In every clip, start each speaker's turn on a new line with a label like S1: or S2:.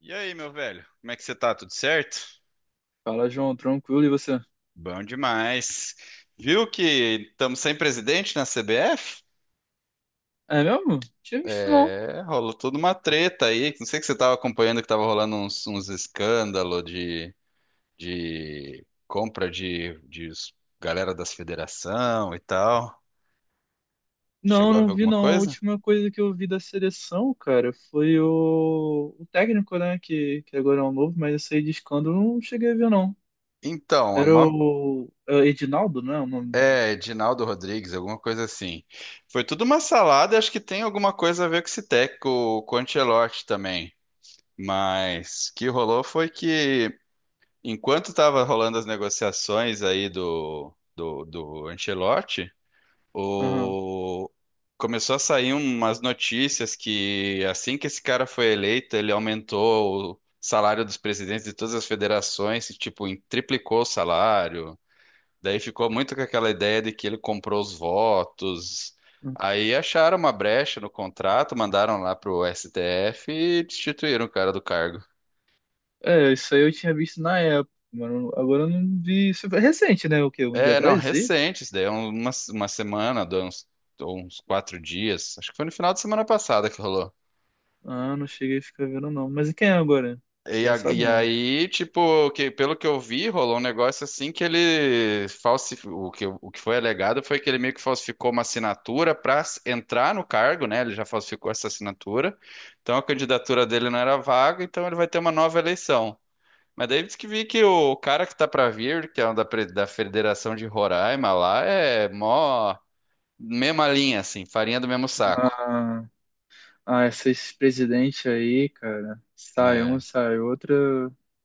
S1: E aí, meu velho? Como é que você tá? Tudo certo?
S2: Fala, João, tranquilo, e você?
S1: Bom demais. Viu que estamos sem presidente na CBF?
S2: É mesmo? Tinha visto não.
S1: É, rolou toda uma treta aí. Não sei que você estava acompanhando que estava rolando uns escândalos de compra de galera das federação e tal.
S2: Não,
S1: Chegou a
S2: não
S1: ver
S2: vi
S1: alguma
S2: não. A
S1: coisa?
S2: última coisa que eu vi da seleção, cara, foi o técnico, né, que agora é o novo, mas esse aí de escândalo eu não cheguei a ver não.
S1: Então, é
S2: Era
S1: uma,
S2: o é, Edinaldo, né, o nome do.
S1: é Edinaldo Rodrigues, alguma coisa assim. Foi tudo uma salada, e acho que tem alguma coisa a ver com esse técnico, com o Ancelotti também. Mas o que rolou foi que, enquanto estava rolando as negociações aí do Ancelotti,
S2: Aham.
S1: o... começou a sair umas notícias que, assim que esse cara foi eleito, ele aumentou o salário dos presidentes de todas as federações, e, tipo, triplicou o salário. Daí ficou muito com aquela ideia de que ele comprou os votos. Aí acharam uma brecha no contrato, mandaram lá pro STF e destituíram o cara do cargo.
S2: É, isso aí eu tinha visto na época, mano. Agora eu não vi. Isso é recente, né, o quê? Um dia
S1: É, não,
S2: atrás, isso aí?
S1: recente, isso daí é uma semana, dá uns, deu uns quatro dias. Acho que foi no final de semana passada que rolou.
S2: Ah, não cheguei a ficar vendo não. Mas e quem é agora?
S1: E,
S2: Já sabe
S1: e
S2: ou não?
S1: aí, tipo, pelo que eu vi, rolou um negócio assim que ele falsificou. O que foi alegado foi que ele meio que falsificou uma assinatura para entrar no cargo, né? Ele já falsificou essa assinatura. Então a candidatura dele não era vaga, então ele vai ter uma nova eleição. Mas daí diz que vi que o cara que tá pra vir, que é um da, da Federação de Roraima lá, é mó. Mesma linha, assim, farinha do mesmo saco,
S2: Ah, Ah, esses presidentes aí, cara, sai um,
S1: né?
S2: sai outra,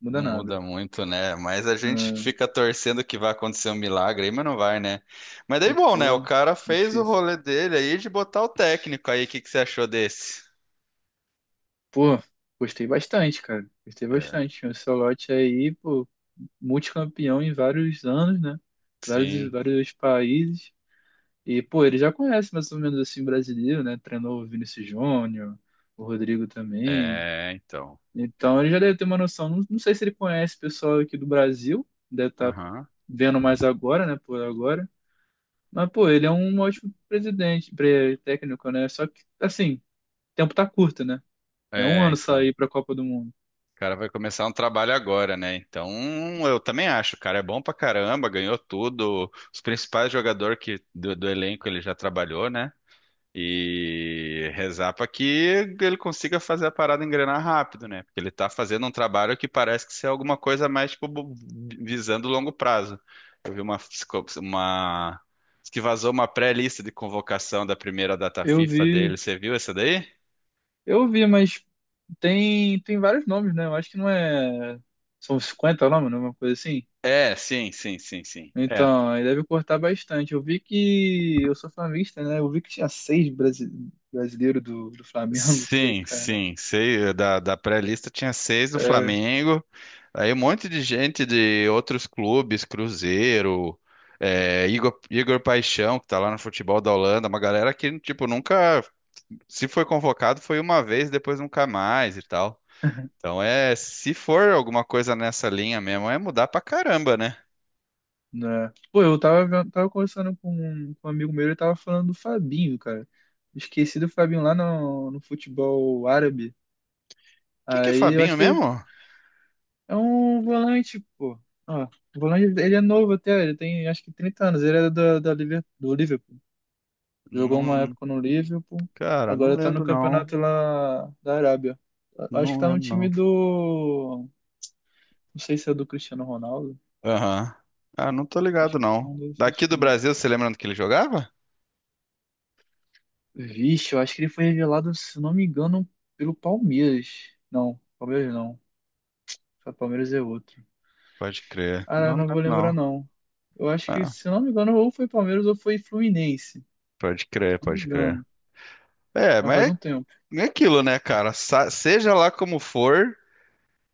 S2: muda
S1: Não
S2: nada.
S1: muda muito, né? Mas a gente
S2: Ah,
S1: fica torcendo que vai acontecer um milagre aí, mas não vai, né? Mas daí, bom, né? O
S2: pô,
S1: cara fez o
S2: difícil.
S1: rolê dele aí de botar o técnico aí. O que que você achou desse?
S2: Pô, gostei bastante, cara. Gostei
S1: É.
S2: bastante. O Ancelotti aí, pô, multicampeão em vários anos, né? Vários,
S1: Sim.
S2: vários países. E, pô, ele já conhece mais ou menos assim o brasileiro, né? Treinou o Vinícius Júnior, o Rodrigo também.
S1: É, então. É.
S2: Então ele já deve ter uma noção. Não, não sei se ele conhece o pessoal aqui do Brasil, deve estar
S1: Aham.
S2: vendo mais agora, né? Por agora. Mas, pô, ele é um ótimo presidente, técnico, né? Só que, assim, o tempo tá curto, né? É um
S1: É,
S2: ano
S1: então.
S2: sair pra Copa do Mundo.
S1: O cara vai começar um trabalho agora, né? Então, eu também acho, o cara é bom pra caramba, ganhou tudo. Os principais jogadores que, do elenco ele já trabalhou, né? E rezar para que ele consiga fazer a parada engrenar rápido, né? Porque ele tá fazendo um trabalho que parece que ser alguma coisa mais tipo visando longo prazo. Eu vi uma, uma diz que vazou uma pré-lista de convocação da primeira data
S2: Eu
S1: FIFA
S2: vi,
S1: dele. Você viu essa daí?
S2: eu vi, mas tem vários nomes, né? Eu acho que não é. São 50 nomes, né? Uma coisa assim.
S1: É, sim. É,
S2: Então, aí deve cortar bastante. Eu vi que. Eu sou flamenguista, né? Eu vi que tinha seis brasileiros do Flamengo. Falei,
S1: Sim,
S2: cara.
S1: sim, sei, da pré-lista tinha seis do
S2: É,
S1: Flamengo, aí um monte de gente de outros clubes, Cruzeiro, é, Igor Paixão, que tá lá no futebol da Holanda, uma galera que, tipo, nunca, se foi convocado, foi uma vez, depois nunca mais e tal. Então é, se for alguma coisa nessa linha mesmo, é mudar pra caramba, né?
S2: né? Pô, eu tava conversando com um amigo meu, ele tava falando do Fabinho, cara. Esqueci do Fabinho lá no futebol árabe.
S1: Quem que é
S2: Aí eu acho
S1: Fabinho
S2: que
S1: mesmo?
S2: é um volante, pô. Ó, o volante, ele é novo até, ele tem acho que 30 anos. Ele é do Liverpool. Jogou uma
S1: Não,
S2: época no Liverpool,
S1: cara, não
S2: agora tá no
S1: lembro não,
S2: campeonato lá da Arábia. Acho que
S1: não
S2: tá no
S1: lembro.
S2: time do. Não sei se é do Cristiano Ronaldo.
S1: Aham. Ah, não tô
S2: Acho
S1: ligado,
S2: que é
S1: não.
S2: um desses
S1: Daqui do
S2: times.
S1: Brasil, você lembra onde que ele jogava?
S2: Vixe, eu acho que ele foi revelado, se não me engano, pelo Palmeiras. Não, Palmeiras não. Só Palmeiras é outro.
S1: Pode crer.
S2: Ah,
S1: Não, não
S2: não vou
S1: lembro,
S2: lembrar
S1: não.
S2: não. Eu acho que,
S1: Ah,
S2: se não me engano, ou foi Palmeiras ou foi Fluminense.
S1: pode
S2: Se
S1: crer,
S2: não me
S1: pode crer.
S2: engano.
S1: É,
S2: Mas faz
S1: mas é
S2: um tempo.
S1: é aquilo, né, cara? Seja lá como for,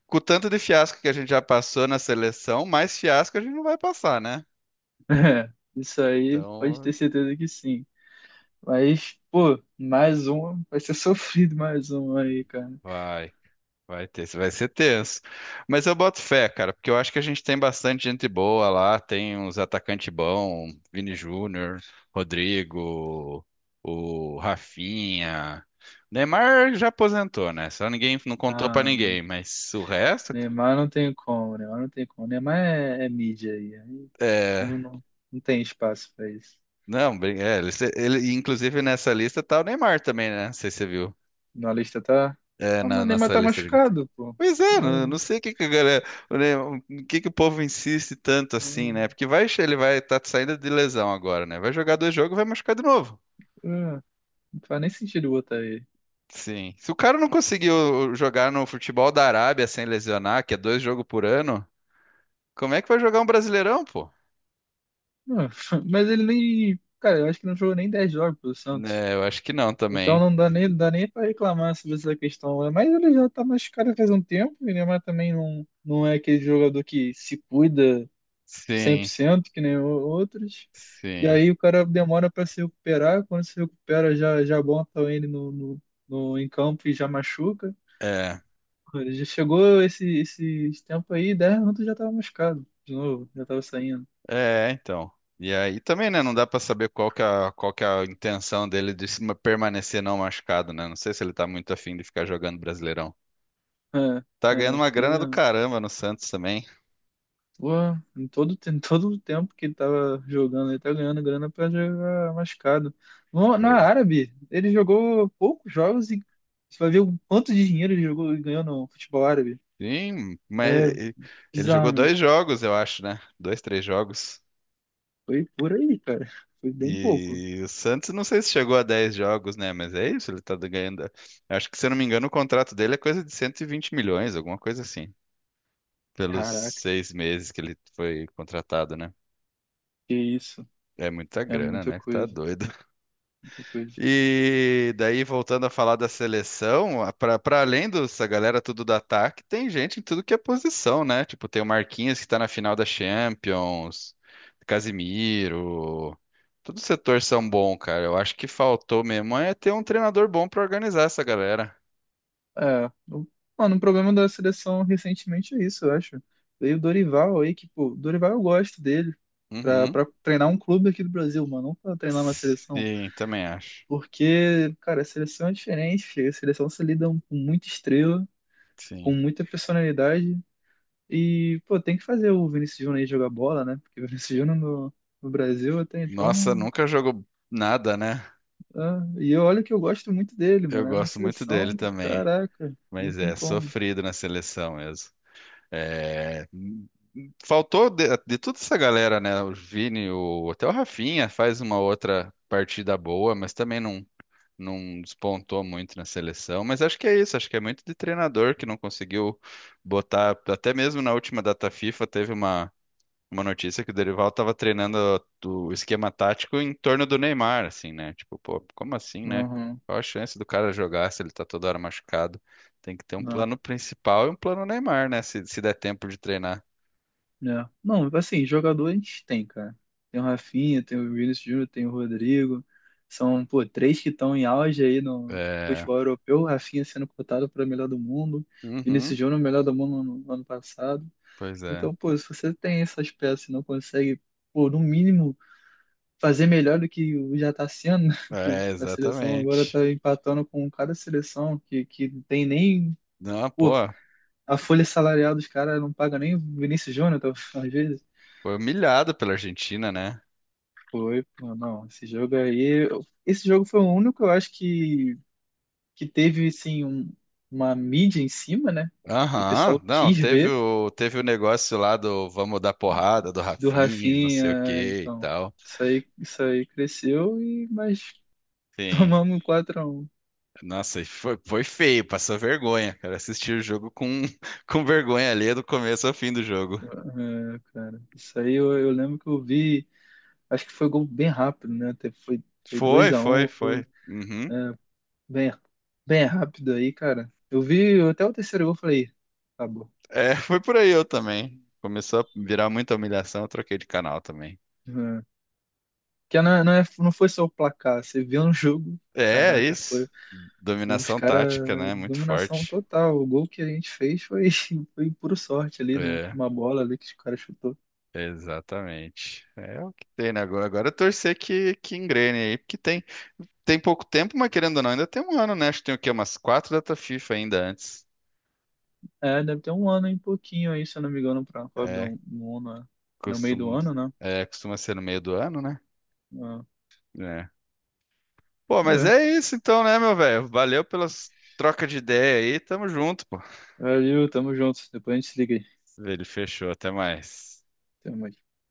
S1: com o tanto de fiasco que a gente já passou na seleção, mais fiasco a gente não vai passar, né?
S2: É, isso aí pode
S1: Então,
S2: ter certeza que sim. Mas, pô, mais um. Vai ser sofrido mais um aí, cara.
S1: vai. Vai ter, vai ser tenso. Mas eu boto fé, cara, porque eu acho que a gente tem bastante gente boa lá, tem uns atacantes bons, Vini Júnior, Rodrigo, o Rafinha. Neymar já aposentou, né? Só ninguém não contou pra
S2: Ah,
S1: ninguém, mas o resto
S2: Neymar não tem como, Neymar não tem como. Neymar é mídia aí. Não,
S1: é,
S2: não, não tem espaço pra isso.
S1: não, é, inclusive nessa lista tá o Neymar também, né? Não sei se você viu.
S2: Na lista tá.
S1: É,
S2: Ah, mas
S1: na,
S2: o
S1: na
S2: Neymar tá
S1: sala estrangulante.
S2: machucado, pô.
S1: Pois é, não,
S2: Não,
S1: não sei o que que a galera, né, o que que o povo insiste tanto assim, né? Porque vai, ele vai estar saindo de lesão agora, né? Vai jogar dois jogos e vai machucar de novo.
S2: não, não faz nem sentido botar ele.
S1: Sim. Se o cara não conseguiu jogar no futebol da Arábia sem lesionar, que é dois jogos por ano, como é que vai jogar um Brasileirão, pô?
S2: Não, mas ele nem. Cara, eu acho que não jogou nem 10 jogos pelo Santos.
S1: É, eu acho que não
S2: Então
S1: também.
S2: não dá nem pra reclamar sobre essa questão. Né? Mas ele já tá machucado faz um tempo. E o Neymar também não é aquele jogador que se cuida cem por
S1: Sim,
S2: cento que nem outros. E
S1: sim.
S2: aí o cara demora pra se recuperar. Quando se recupera, já bota ele no, no, no, em campo e já machuca.
S1: é.
S2: Ele já chegou esse tempo aí, 10 minutos já tava machucado. De novo, já tava saindo.
S1: É, então. E aí também, né? Não dá pra saber qual que é, qual que é a intenção dele de se permanecer não machucado, né? Não sei se ele tá muito afim de ficar jogando Brasileirão.
S2: É,
S1: Tá ganhando
S2: é,
S1: uma
S2: pois
S1: grana do
S2: é.
S1: caramba no Santos também.
S2: Pô, em todo o tempo que ele tava jogando, ele tá ganhando grana pra jogar machucado. No, na
S1: Pois.
S2: Árabe, ele jogou poucos jogos e você vai ver o quanto de dinheiro ele jogou e ganhou no futebol árabe.
S1: Sim,
S2: É,
S1: ele jogou dois
S2: bizarramente.
S1: jogos, eu acho, né? Dois, três jogos.
S2: Foi por aí, cara. Foi bem pouco.
S1: E o Santos, não sei se chegou a 10 jogos, né? Mas é isso, ele tá ganhando. Acho que, se eu não me engano, o contrato dele é coisa de 120 milhões, alguma coisa assim, pelos
S2: Caraca,
S1: 6 meses que ele foi contratado, né?
S2: que isso.
S1: É muita
S2: É
S1: grana,
S2: muita
S1: né? Que tá
S2: coisa,
S1: doido.
S2: muita coisa.
S1: E daí, voltando a falar da seleção, para além dessa galera tudo do ataque, tem gente em tudo que é posição, né? Tipo, tem o Marquinhos que tá na final da Champions, Casimiro. Todo o setor são bom, cara. Eu acho que faltou mesmo é ter um treinador bom pra organizar essa galera.
S2: É, mano, o problema da seleção recentemente é isso, eu acho. Veio o Dorival aí, que, pô, Dorival eu gosto dele, pra,
S1: Uhum.
S2: pra treinar um clube aqui do Brasil, mano, não pra treinar uma seleção.
S1: Sim, também acho.
S2: Porque, cara, a seleção é diferente, a seleção se lida com muita estrela, com
S1: Sim.
S2: muita personalidade, e, pô, tem que fazer o Vinícius Júnior aí jogar bola, né? Porque o Vinícius Júnior no Brasil até então
S1: Nossa,
S2: não.
S1: nunca jogou nada, né?
S2: É, e eu olho que eu gosto muito dele,
S1: Eu
S2: mano, é na
S1: gosto muito
S2: seleção,
S1: dele também.
S2: caraca, não
S1: Mas
S2: tem
S1: é,
S2: como.
S1: sofrido na seleção mesmo. É, faltou de toda essa galera, né? O Vini, o, até o Rafinha faz uma outra partida boa, mas também não, não despontou muito na seleção. Mas acho que é isso, acho que é muito de treinador que não conseguiu botar, até mesmo na última data FIFA teve uma notícia que o Dorival estava treinando o esquema tático em torno do Neymar, assim, né? Tipo, pô, como assim, né?
S2: Uhum,
S1: Qual a chance do cara jogar se ele tá toda hora machucado? Tem que ter um
S2: não,
S1: plano principal e um plano Neymar, né? Se der tempo de treinar.
S2: né? Não, assim, jogador a gente tem, cara. Tem o Rafinha, tem o Vinícius Júnior, tem o Rodrigo. São, pô, três que estão em auge aí no
S1: É.
S2: futebol europeu. O Rafinha sendo cotado para melhor do mundo. Vinícius
S1: Uhum,
S2: Júnior, melhor do mundo no ano passado.
S1: pois é.
S2: Então, pô, se você tem essas peças e não consegue, pô, no mínimo, fazer melhor do que já tá sendo, né? Que
S1: É,
S2: a seleção agora
S1: exatamente.
S2: tá empatando com cada seleção que não tem nem.
S1: Não,
S2: Pô,
S1: pô,
S2: a folha salarial dos caras não paga nem o Vinícius Júnior, tá, às vezes.
S1: foi humilhado pela Argentina, né?
S2: Foi, pô, não, esse jogo aí, esse jogo foi o único, eu acho que, teve, assim, uma mídia em cima, né, que o
S1: Aham,
S2: pessoal
S1: não,
S2: quis
S1: teve
S2: ver
S1: o, teve o negócio lá do vamos dar porrada do
S2: do
S1: Rafinha, não sei o
S2: Rafinha,
S1: que e
S2: então,
S1: tal.
S2: isso aí cresceu, e, mas
S1: Sim,
S2: tomamos 4x1,
S1: nossa, e foi, foi feio, passou vergonha, cara. Assistir o jogo com, com vergonha ali do começo ao fim do jogo.
S2: é, cara, isso aí eu lembro que eu vi, acho que foi gol bem rápido, né, até foi dois
S1: Foi,
S2: a
S1: foi,
S2: um
S1: foi. Uhum.
S2: é, bem, bem rápido aí, cara, eu vi até o terceiro gol, e falei, acabou.
S1: É, foi por aí eu também. Começou a virar muita humilhação, eu troquei de canal também.
S2: É. Que não, não, é, não foi só o placar. Você viu um jogo,
S1: É, é
S2: caraca,
S1: isso.
S2: foi os
S1: Dominação tática,
S2: caras
S1: né? Muito
S2: dominação
S1: forte.
S2: total. O gol que a gente fez foi, foi puro sorte ali,
S1: É,
S2: numa bola ali que os caras chutou.
S1: exatamente. É o que tem, né? Agora, agora é torcer que engrene aí, porque tem, tem pouco tempo, mas querendo ou não, ainda tem 1 ano, né? Acho que tem o quê? Umas quatro data FIFA ainda antes.
S2: É, deve ter um ano e pouquinho aí, se eu não me engano, pra Fábio
S1: É,
S2: um ano, né? No meio do
S1: costuma,
S2: ano, né?
S1: é, costuma ser no meio do ano, né?
S2: Ah,
S1: É. Pô,
S2: vamos
S1: mas
S2: ver.
S1: é isso então, né, meu velho? Valeu pelas trocas de ideia aí. Tamo junto, pô.
S2: Valeu, tamo junto. Depois a gente se liga aí.
S1: Ele fechou. Até mais.
S2: Até mais.